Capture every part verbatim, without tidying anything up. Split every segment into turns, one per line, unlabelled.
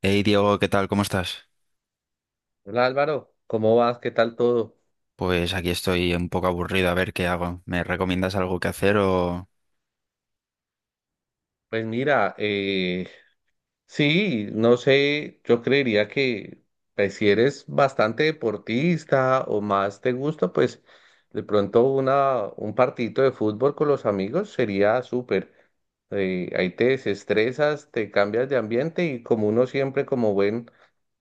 Hey Diego, ¿qué tal? ¿Cómo estás?
Hola Álvaro, ¿cómo vas? ¿Qué tal todo?
Pues aquí estoy un poco aburrido, a ver qué hago. ¿Me recomiendas algo que hacer o...?
Pues mira, eh, sí, no sé, yo creería que pues, si eres bastante deportista o más te gusta, pues de pronto una, un partidito de fútbol con los amigos sería súper. Eh, ahí te desestresas, te cambias de ambiente y como uno siempre como buen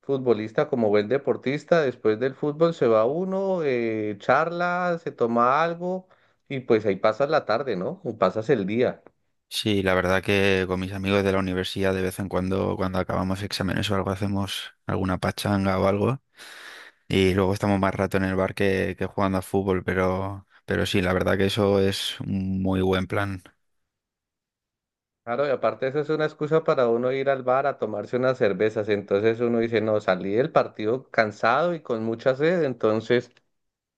futbolista como buen deportista, después del fútbol se va uno, eh, charla, se toma algo y pues ahí pasas la tarde, ¿no? O pasas el día.
Sí, la verdad que con mis amigos de la universidad de vez en cuando, cuando acabamos exámenes o algo, hacemos alguna pachanga o algo. Y luego estamos más rato en el bar que, que jugando a fútbol, pero, pero sí, la verdad que eso es un muy buen plan.
Claro, y aparte eso es una excusa para uno ir al bar a tomarse unas cervezas. Entonces uno dice, no, salí del partido cansado y con mucha sed, entonces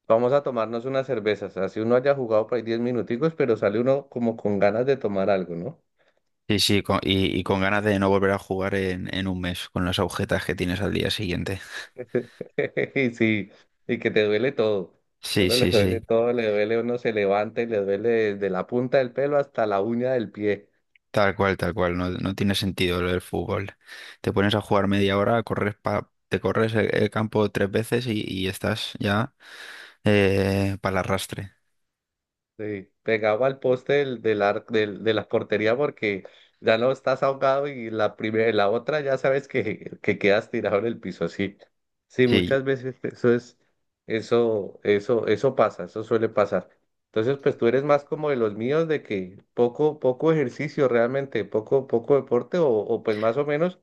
vamos a tomarnos unas cervezas. Así uno haya jugado por ahí diez minuticos, pero sale uno como con ganas de tomar algo, ¿no?
Sí, sí, con- y, y con ganas de no volver a jugar en, en un mes, con las agujetas que tienes al día siguiente.
Y sí, y que te duele todo. A
Sí,
uno le
sí, sí.
duele todo, le duele, uno se levanta y le duele desde la punta del pelo hasta la uña del pie.
Tal cual, tal cual, no, no tiene sentido lo del fútbol. Te pones a jugar media hora, corres pa- te corres el, el campo tres veces y, y estás ya para el arrastre.
Sí, pegado al poste del, del ar- del- de la portería porque ya no estás ahogado y la primera, la otra ya sabes que, que quedas tirado en el piso así. Sí,
Sí,
muchas veces eso es, eso, eso, eso pasa, eso suele pasar. Entonces, pues tú eres más como de los míos de que poco, poco ejercicio realmente, poco, poco deporte o, o pues más o menos,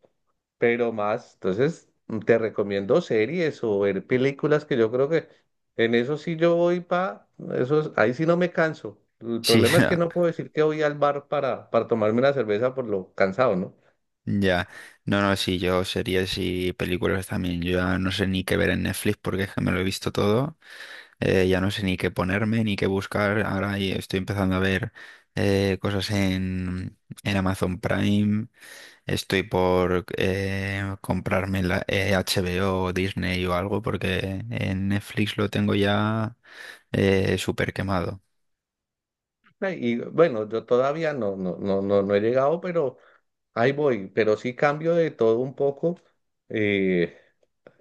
pero más. Entonces, te recomiendo series o ver películas que yo creo que en eso sí yo voy pa, eso es- ahí sí no me canso. El
sí,
problema es que
ya.
no puedo decir que voy al bar para, para tomarme una cerveza por lo cansado, ¿no?
Ya. No, no, sí, yo series y películas también. Yo ya no sé ni qué ver en Netflix porque es que me lo he visto todo. Eh, ya no sé ni qué ponerme, ni qué buscar. Ahora y estoy empezando a ver eh, cosas en, en Amazon Prime. Estoy por eh, comprarme la, eh, HBO o o Disney o algo porque en Netflix lo tengo ya eh, súper quemado.
Ay, y bueno, yo todavía no, no, no, no, no he llegado, pero ahí voy. Pero sí cambio de todo un poco. Eh,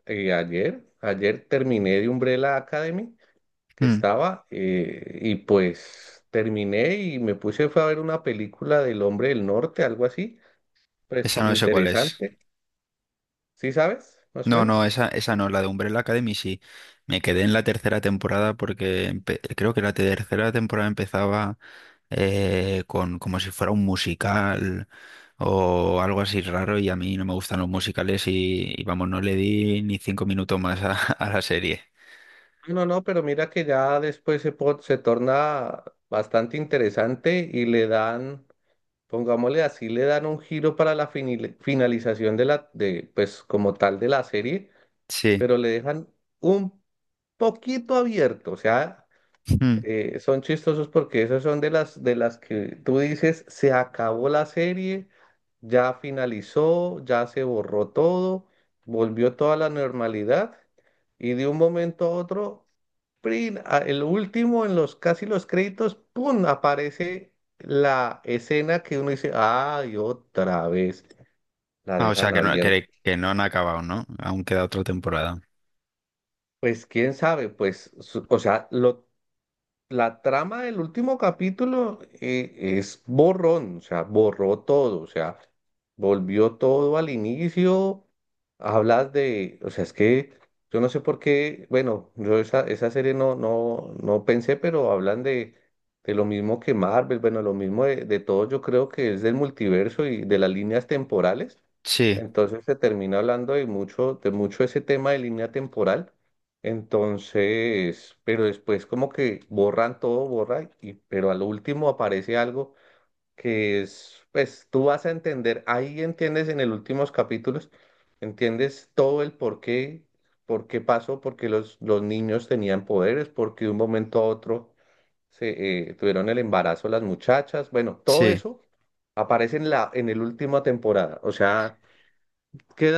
eh, ayer, Ayer terminé de Umbrella Academy que
Mm.
estaba eh, y pues terminé y me puse fue a ver una película del Hombre del Norte, algo así, pues
Esa no sé cuál es.
interesante. ¿Sí sabes? Más o
No, no,
menos.
esa, esa no, la de Umbrella Academy sí. Me quedé en la tercera temporada porque empe- creo que la tercera temporada empezaba eh, con como si fuera un musical o algo así raro y a mí no me gustan los musicales y, y vamos, no le di ni cinco minutos más a, a la serie.
Ah, no, no, pero mira que ya después se, po- se torna bastante interesante y le dan, pongámosle así, le dan un giro para la finil- finalización de la, de, pues como tal de la serie,
Sí.
pero le dejan un poquito abierto, o sea, eh, son chistosos porque esos son de las, de las que tú dices, se acabó la serie, ya finalizó, ya se borró todo, volvió toda la normalidad y de un momento a otro prin, a- el último, en los casi los créditos, ¡pum! Aparece la escena que uno dice, ay, otra vez, la
Ah, o sea,
dejan
que no,
abierta.
que, que no han acabado, ¿no? Aún queda otra temporada.
Pues quién sabe. Pues, su- o sea. Lo La trama del último capítulo eh, es borrón, o sea, borró todo, o sea, volvió todo al inicio. Hablas de, o sea, es que yo no sé por qué, bueno, yo esa, esa serie no, no, no pensé, pero hablan de, de lo mismo que Marvel, bueno, lo mismo de, de todo, yo creo que es del multiverso y de las líneas temporales.
Sí,
Entonces se termina hablando de mucho, de mucho ese tema de línea temporal. Entonces, pero después como que borran todo, borran, y, pero al último aparece algo que es, pues tú vas a entender, ahí entiendes en el últimos capítulos, entiendes todo el por qué, por qué pasó, por qué los, los niños tenían poderes, por qué de un momento a otro se, eh, tuvieron el embarazo las muchachas, bueno, todo
sí.
eso aparece en la, en el última temporada, o sea,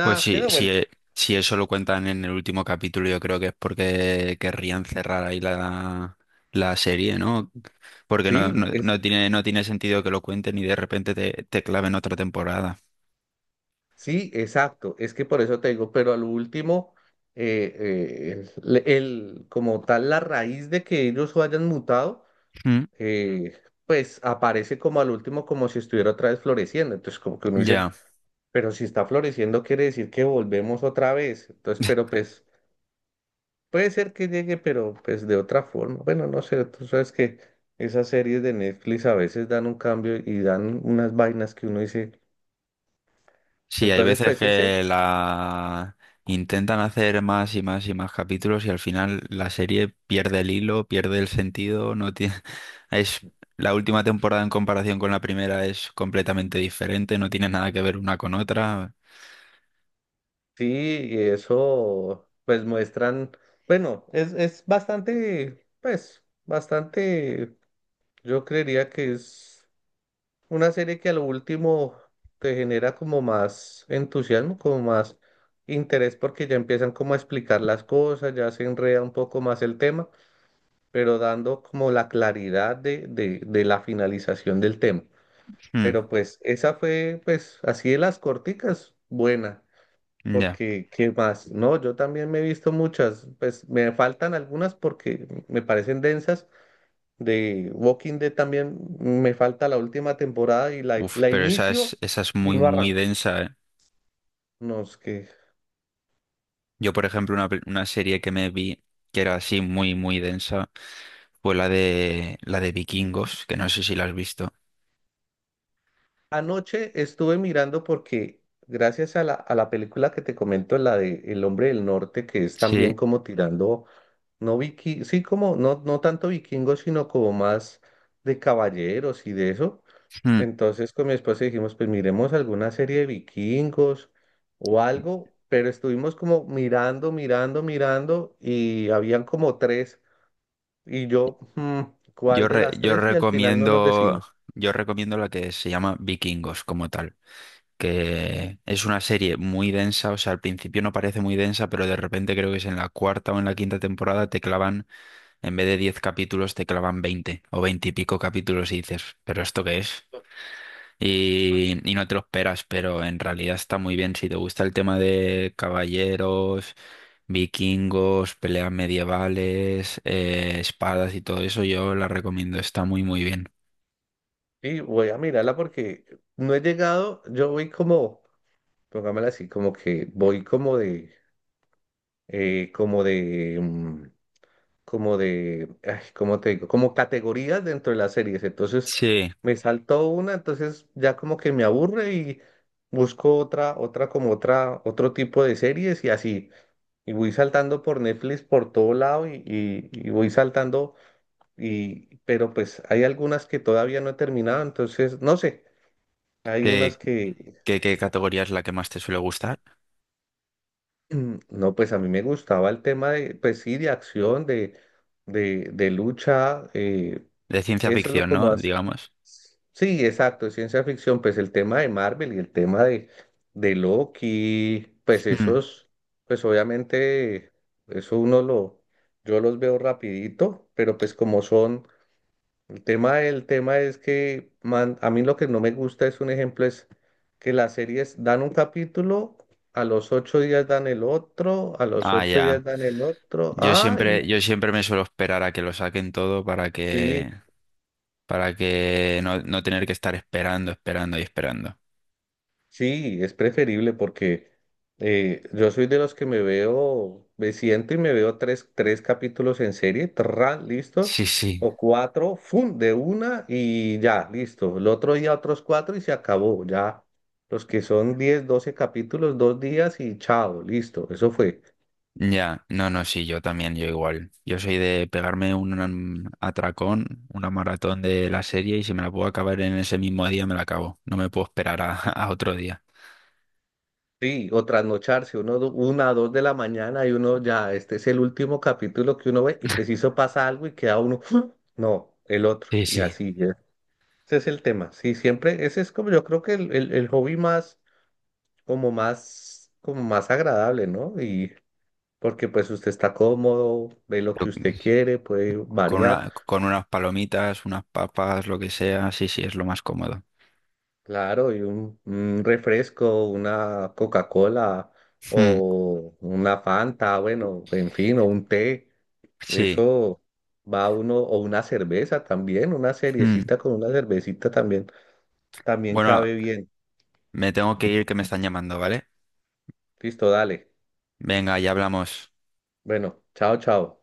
Pues sí,
queda bueno.
sí, si eso lo cuentan en el último capítulo, yo creo que es porque querrían cerrar ahí la, la serie, ¿no? Porque no, no,
Sí,
no tiene, no tiene sentido que lo cuenten y de repente te, te claven otra temporada.
sí, exacto. Es que por eso te digo, pero al último, eh, eh, el, el- como tal, la raíz de que ellos hayan mutado,
Mm.
eh, pues aparece como al último, como si estuviera otra vez floreciendo. Entonces, como que uno dice,
Ya.
pero si está floreciendo, quiere decir que volvemos otra vez. Entonces, pero pues puede ser que llegue, pero pues de otra forma. Bueno, no sé, tú sabes que esas series de Netflix a veces dan un cambio y dan unas vainas que uno dice.
Sí, hay
Entonces,
veces
pues ese.
que la intentan hacer más y más y más capítulos y al final la serie pierde el hilo, pierde el sentido, no tiene es la última temporada en comparación con la primera es completamente diferente, no tiene nada que ver una con otra.
Sí, y eso pues muestran, bueno, es, es bastante, pues, bastante, yo creería que es una serie que a lo último te genera como más entusiasmo, como más interés porque ya empiezan como a explicar las cosas, ya se enreda un poco más el tema, pero dando como la claridad de, de, de la finalización del tema.
Hmm,
Pero pues esa fue pues así de las corticas, buena.
ya.
Porque, ¿qué más? No, yo también me he visto muchas, pues me faltan algunas porque me parecen densas. De Walking Dead también me falta la última temporada y la,
Uf,
la
pero esa
inicio
es esa es
y
muy
no
muy
arranco.
densa, ¿eh?
No, es que
Yo, por ejemplo, una, pe- una serie que me vi que era así muy muy densa fue la de la de Vikingos, que no sé si la has visto.
anoche estuve mirando porque gracias a la, a la película que te comento, la de El Hombre del Norte, que es también
Sí.
como tirando, no viki, sí como, no, no tanto vikingo, sino como más de caballeros y de eso.
Hmm.
Entonces con mi esposa dijimos, pues miremos alguna serie de vikingos o algo, pero estuvimos como mirando, mirando, mirando y habían como tres y yo, "Mm, ¿cuál
Yo,
de
re-
las
yo
tres?". Y al final no nos
recomiendo,
decimos.
yo recomiendo la que se llama Vikingos como tal, que es una serie muy densa, o sea, al principio no parece muy densa, pero de repente creo que es en la cuarta o en la quinta temporada te clavan, en vez de diez capítulos, te clavan veinte o veinte y pico capítulos y dices, ¿pero esto qué es? Y, y no te lo esperas, pero en realidad está muy bien. Si te gusta el tema de caballeros, vikingos, peleas medievales, eh, espadas y todo eso, yo la recomiendo. Está muy, muy bien.
Y voy a mirarla porque no he llegado, yo voy como, pongámosla así, como que voy como de, eh, como de, mm, como de, ay, ¿cómo te digo? Como categorías dentro de las series. Entonces
Sí.
me saltó una, entonces ya como que me aburre y busco otra, otra como otra, otro tipo de series y así. Y voy saltando por Netflix por todo lado y, y, y voy saltando, y, pero pues hay algunas que todavía no he terminado, entonces no sé, hay unas
¿Qué,
que,
qué, qué categoría es la que más te suele gustar?
mm, no, pues a mí me gustaba el tema de, pues sí, de acción, de, de, de lucha, eh,
De ciencia
eso es lo
ficción,
como
¿no?
hace.
Digamos.
Sí, exacto, es ciencia ficción, pues el tema de Marvel y el tema de, de Loki, pues
Mm.
esos, pues obviamente, eso uno lo, yo los veo rapidito, pero pues como son, el tema, el tema es que, man, a mí lo que no me gusta es un ejemplo, es que las series dan un capítulo, a los ocho días dan el otro, a los
Ah,
ocho días
ya.
dan el otro,
Yo
ay,
siempre, yo
no,
siempre me suelo esperar a que lo saquen todo para
sí.
que, para que no, no tener que estar esperando, esperando y esperando.
Sí, es preferible porque eh, yo soy de los que me veo, me siento y me veo tres, tres capítulos en serie, tra, listo,
Sí, sí.
o cuatro, fun, de una y ya, listo. El otro día otros cuatro y se acabó, ya. Los que son diez doce capítulos, dos días y chao, listo, eso fue.
Ya, no, no, sí, yo también, yo igual. Yo soy de pegarme un atracón, una maratón de la serie y si me la puedo acabar en ese mismo día me la acabo. No me puedo esperar a, a otro día.
Sí, o trasnocharse, uno, do- una, dos de la mañana y uno ya, este es el último capítulo que uno ve y preciso pasa algo y queda uno, no, el otro,
Sí,
y
sí.
así. Ese es el tema, sí, siempre, ese es como yo creo que el, el, el hobby más, como más, como más agradable, ¿no? Y porque pues usted está cómodo, ve lo que
Pero
usted quiere, puede
con
variar,
una, con unas palomitas, unas papas, lo que sea, sí, sí, es lo más cómodo.
claro, y un, un refresco, una Coca-Cola
Mm,
o una Fanta, bueno, en fin, o un té,
sí.
eso va uno, o una cerveza también, una
Mm.
seriecita con una cervecita también, también
Bueno,
cabe bien.
me tengo que ir que me están llamando, ¿vale?
Listo, dale.
Venga, ya hablamos.
Bueno, chao, chao.